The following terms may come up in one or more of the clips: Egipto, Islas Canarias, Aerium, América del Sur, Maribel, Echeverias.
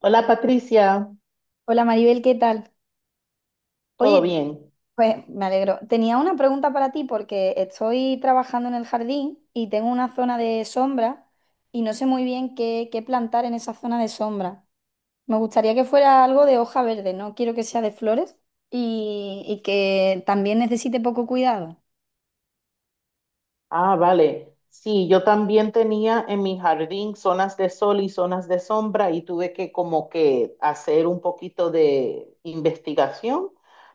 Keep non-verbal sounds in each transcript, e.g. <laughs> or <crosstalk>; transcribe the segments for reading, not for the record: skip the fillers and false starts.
Hola Patricia, Hola Maribel, ¿qué tal? ¿todo Oye, bien? pues me alegro. Tenía una pregunta para ti porque estoy trabajando en el jardín y tengo una zona de sombra y no sé muy bien qué plantar en esa zona de sombra. Me gustaría que fuera algo de hoja verde, no quiero que sea de flores y que también necesite poco cuidado. Ah, vale. Sí, yo también tenía en mi jardín zonas de sol y zonas de sombra y tuve que como que hacer un poquito de investigación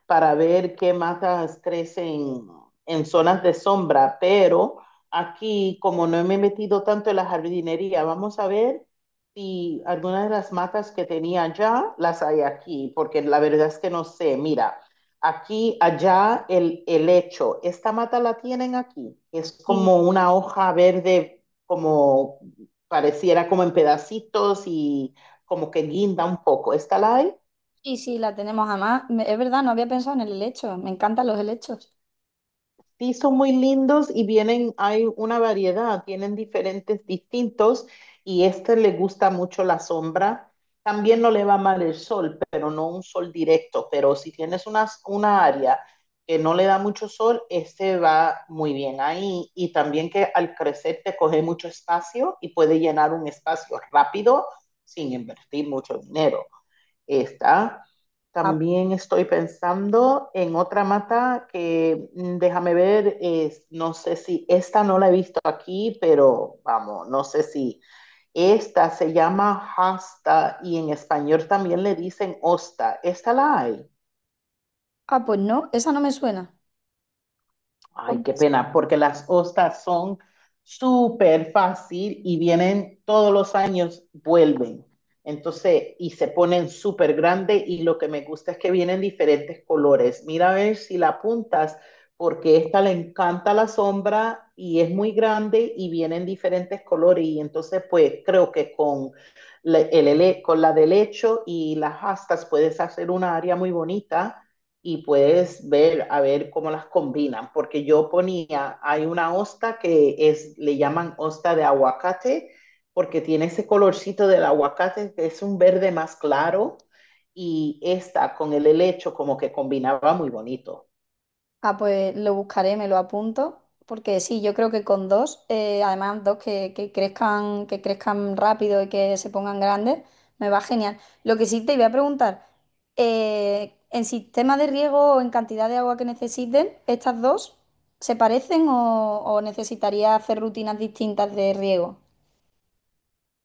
para ver qué matas crecen en zonas de sombra, pero aquí como no me he metido tanto en la jardinería, vamos a ver si algunas de las matas que tenía allá las hay aquí, porque la verdad es que no sé. Mira. Aquí, allá, el hecho. Esta mata la tienen aquí. Es Y como una hoja verde, como pareciera como en pedacitos y como que guinda un poco. ¿Esta la hay? sí, sí, la tenemos además. Es verdad, no había pensado en el helecho. Me encantan los helechos. Sí, son muy lindos y vienen, hay una variedad, tienen diferentes distintos y este le gusta mucho la sombra. También no le va mal el sol, pero no un sol directo. Pero si tienes una área que no le da mucho sol, este va muy bien ahí. Y también que al crecer te coge mucho espacio y puede llenar un espacio rápido sin invertir mucho dinero. Esta. Ah, También estoy pensando en otra mata que déjame ver, no sé si esta no la he visto aquí, pero vamos, no sé si esta se llama hasta y en español también le dicen hosta. ¿Esta la hay? Pues no, esa no me suena. Ay, qué pena, porque las hostas son súper fácil y vienen todos los años, vuelven. Entonces, y se ponen súper grandes y lo que me gusta es que vienen diferentes colores. Mira a ver si la apuntas, porque esta le encanta la sombra y es muy grande y vienen diferentes colores. Y entonces, pues creo que con con la de lecho y las astas puedes hacer una área muy bonita y puedes ver a ver cómo las combinan, porque yo ponía, hay una hosta que es, le llaman hosta de aguacate, porque tiene ese colorcito del aguacate, que es un verde más claro, y esta con el helecho como que combinaba muy bonito. Ah, pues lo buscaré, me lo apunto, porque sí, yo creo que con dos, además dos que crezcan, que crezcan rápido y que se pongan grandes, me va genial. Lo que sí te iba a preguntar, en sistema de riego o en cantidad de agua que necesiten, ¿estas dos se parecen o necesitaría hacer rutinas distintas de riego?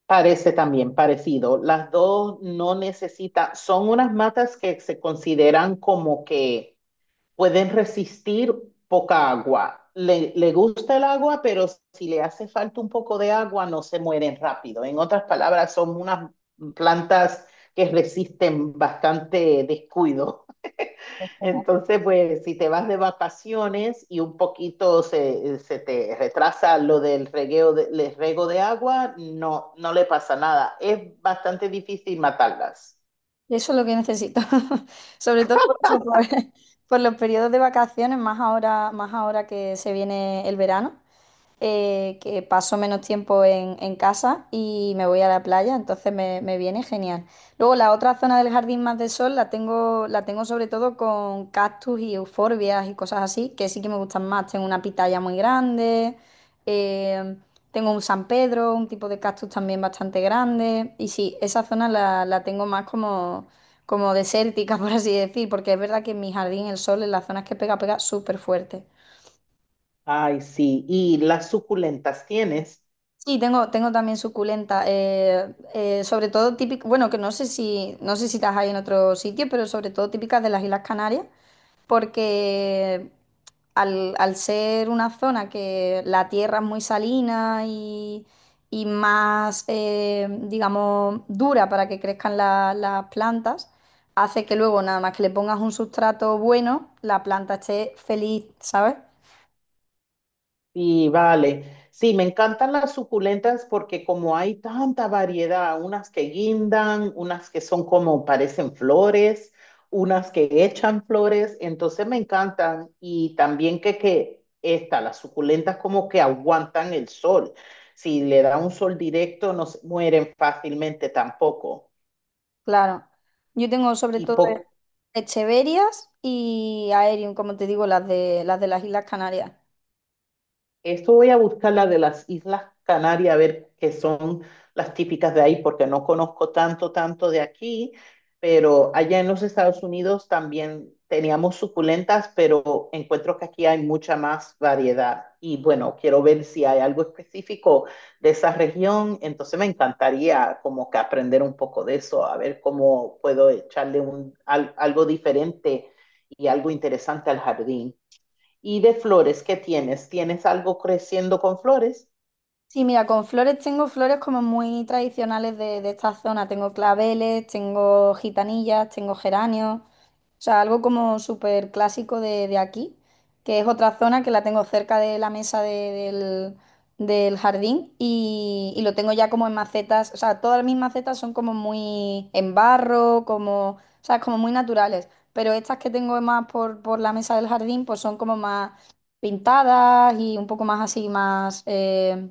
Parece también parecido. Las dos no necesitan, son unas matas que se consideran como que pueden resistir poca agua. Le gusta el agua, pero si le hace falta un poco de agua, no se mueren rápido. En otras palabras, son unas plantas que resisten bastante descuido. <laughs> Bueno, Entonces, pues si te vas de vacaciones y un poquito se te retrasa lo del regueo de, el rego de agua, no, no le pasa nada. Es bastante difícil matarlas. eso es lo que necesito, <laughs> sobre todo por eso, <laughs> por los periodos de vacaciones, más ahora que se viene el verano. Que paso menos tiempo en casa y me voy a la playa, entonces me viene genial. Luego la otra zona del jardín más de sol la tengo sobre todo con cactus y euforbias y cosas así, que sí que me gustan más. Tengo una pitaya muy grande, eh, tengo un San Pedro, un tipo de cactus también bastante grande. Y sí, esa zona la tengo más como... como desértica, <laughs> por así decir, porque es verdad que en mi jardín el sol en las zonas que pega, pega súper fuerte. Ay, sí. ¿Y las suculentas tienes? Sí, tengo también suculenta. Sobre todo típica, bueno, que no sé si, no sé si las hay en otro sitio, pero sobre todo típicas de las Islas Canarias, porque al ser una zona que la tierra es muy salina y más, digamos, dura para que crezcan las plantas, hace que luego nada más que le pongas un sustrato bueno, la planta esté feliz, ¿sabes? Sí, vale. Sí, me encantan las suculentas porque como hay tanta variedad, unas que guindan, unas que son como parecen flores, unas que echan flores, entonces me encantan. Y también que esta, las suculentas como que aguantan el sol. Si le da un sol directo, no se mueren fácilmente tampoco. Claro. Yo tengo sobre Y todo po- Echeverias y Aerium, como te digo, las de las Islas Canarias. Esto voy a buscar la de las Islas Canarias, a ver qué son las típicas de ahí, porque no conozco tanto, tanto de aquí, pero allá en los Estados Unidos también teníamos suculentas, pero encuentro que aquí hay mucha más variedad. Y bueno, quiero ver si hay algo específico de esa región, entonces me encantaría como que aprender un poco de eso, a ver cómo puedo echarle algo diferente y algo interesante al jardín. Y de flores, ¿qué tienes? ¿Tienes algo creciendo con flores? Sí, mira, con flores tengo flores como muy tradicionales de esta zona. Tengo claveles, tengo gitanillas, tengo geranios. O sea, algo como súper clásico de aquí, que es otra zona que la tengo cerca de la mesa del jardín y lo tengo ya como en macetas. O sea, todas mis macetas son como muy en barro, como, o sea, como muy naturales. Pero estas que tengo más por la mesa del jardín, pues son como más pintadas y un poco más así, más...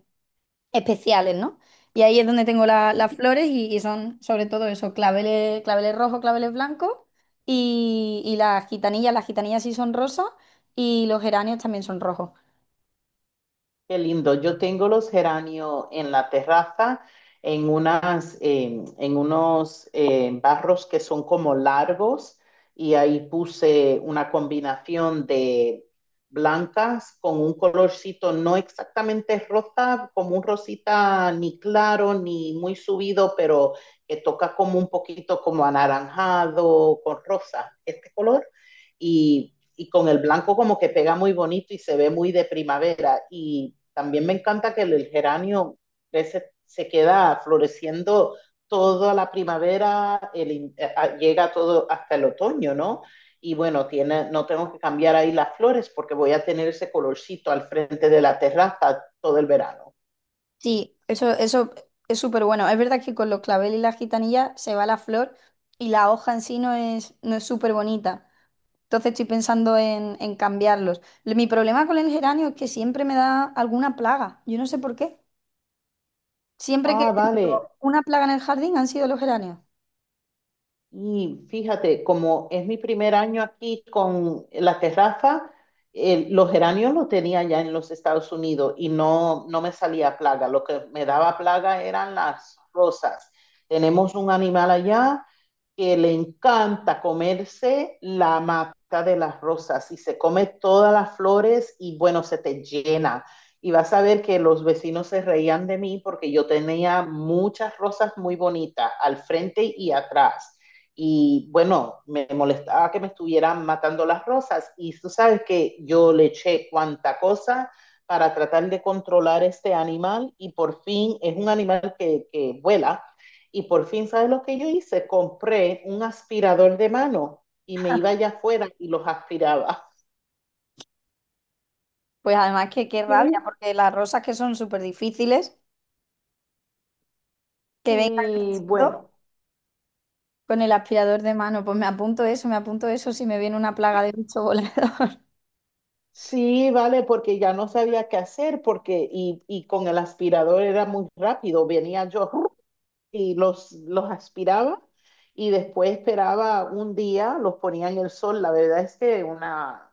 especiales, ¿no? Y ahí es donde tengo Sí, las flores y son sobre todo eso, claveles, claveles rojos, claveles blancos y las gitanillas sí son rosas y los geranios también son rojos. qué lindo. Yo tengo los geranios en la terraza, en unas, en unos barros que son como largos, y ahí puse una combinación de blancas con un colorcito no exactamente rosa, como un rosita ni claro ni muy subido, pero que toca como un poquito como anaranjado con rosa. Este color. Y, y con el blanco como que pega muy bonito y se ve muy de primavera. Y también me encanta que el, geranio crece, se queda floreciendo toda la primavera, el, llega todo hasta el otoño, ¿no? Y bueno, tiene, no tengo que cambiar ahí las flores porque voy a tener ese colorcito al frente de la terraza todo el verano. Sí, eso es súper bueno. Es verdad que con los claveles y las gitanillas se va la flor y la hoja en sí no es súper bonita. Entonces estoy pensando en cambiarlos. Mi problema con el geranio es que siempre me da alguna plaga. Yo no sé por qué. Siempre que Ah, he tenido vale. una plaga en el jardín han sido los geranios. Y fíjate, como es mi primer año aquí con la terraza, los geranios los tenía ya en los Estados Unidos y no, no me salía plaga. Lo que me daba plaga eran las rosas. Tenemos un animal allá que le encanta comerse la mata de las rosas y se come todas las flores y bueno, se te llena. Y vas a ver que los vecinos se reían de mí porque yo tenía muchas rosas muy bonitas al frente y atrás. Y bueno, me molestaba que me estuvieran matando las rosas. Y tú sabes que yo le eché cuanta cosa para tratar de controlar este animal y por fin es un animal que vuela y por fin, ¿sabes lo que yo hice? Compré un aspirador de mano y me iba allá afuera y los aspiraba. <laughs> Pues además que qué rabia, Y, porque las rosas que son súper difíciles, que vengan el y bueno, con el aspirador de mano, pues me apunto eso si me viene una plaga de bicho volador. <laughs> sí, vale, porque ya no sabía qué hacer porque y con el aspirador era muy rápido. Venía yo y los aspiraba y después esperaba un día, los ponía en el sol. La verdad es que una,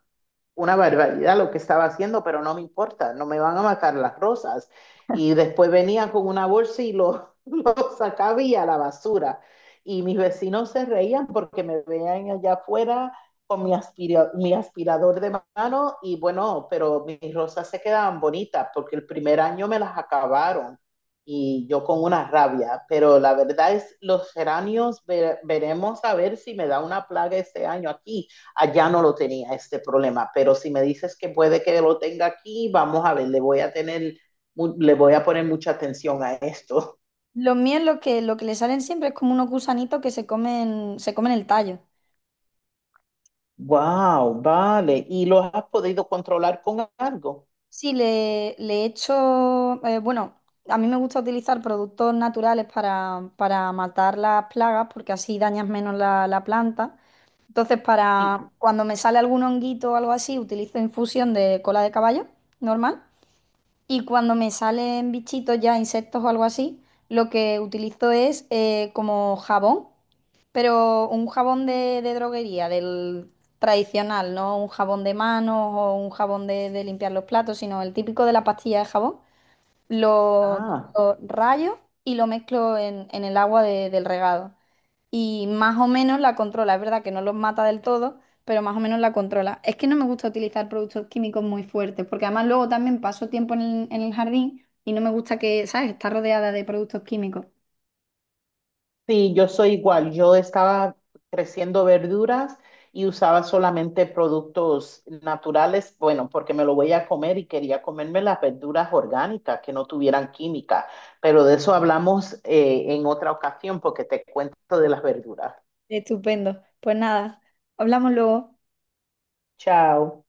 una barbaridad lo que estaba haciendo, pero no me importa, no me van a matar las rosas. Y después venía con una bolsa y lo, <laughs> lo sacaba y a la basura. Y mis vecinos se reían porque me veían allá afuera con mi, mi aspirador de mano y bueno, pero mis rosas se quedaban bonitas porque el primer año me las acabaron y yo con una rabia, pero la verdad es los geranios veremos a ver si me da una plaga este año aquí. Allá no lo tenía este problema, pero si me dices que puede que lo tenga aquí, vamos a ver, le voy a tener, le voy a poner mucha atención a esto. <laughs> Los míos lo que le salen siempre es como unos gusanitos que se comen el tallo. Wow, vale. ¿Y lo has podido controlar con algo? Sí, le echo, bueno, a mí me gusta utilizar productos naturales para matar las plagas porque así dañas menos la planta. Entonces, Sí. para cuando me sale algún honguito o algo así, utilizo infusión de cola de caballo normal. Y cuando me salen bichitos ya, insectos o algo así, lo que utilizo es como jabón, pero un jabón de droguería, del tradicional, no un jabón de manos o un jabón de limpiar los platos, sino el típico de la pastilla de jabón Ah, lo rayo y lo mezclo en el agua del regado. Y más o menos la controla. Es verdad que no los mata del todo, pero más o menos la controla. Es que no me gusta utilizar productos químicos muy fuertes, porque además luego también paso tiempo en en el jardín y no me gusta que, ¿sabes?, está rodeada de productos químicos. sí, yo soy igual. Yo estaba creciendo verduras y usaba solamente productos naturales, bueno, porque me lo voy a comer y quería comerme las verduras orgánicas que no tuvieran química. Pero de eso hablamos en otra ocasión porque te cuento de las verduras. Estupendo. Pues nada, hablamos luego. Chao.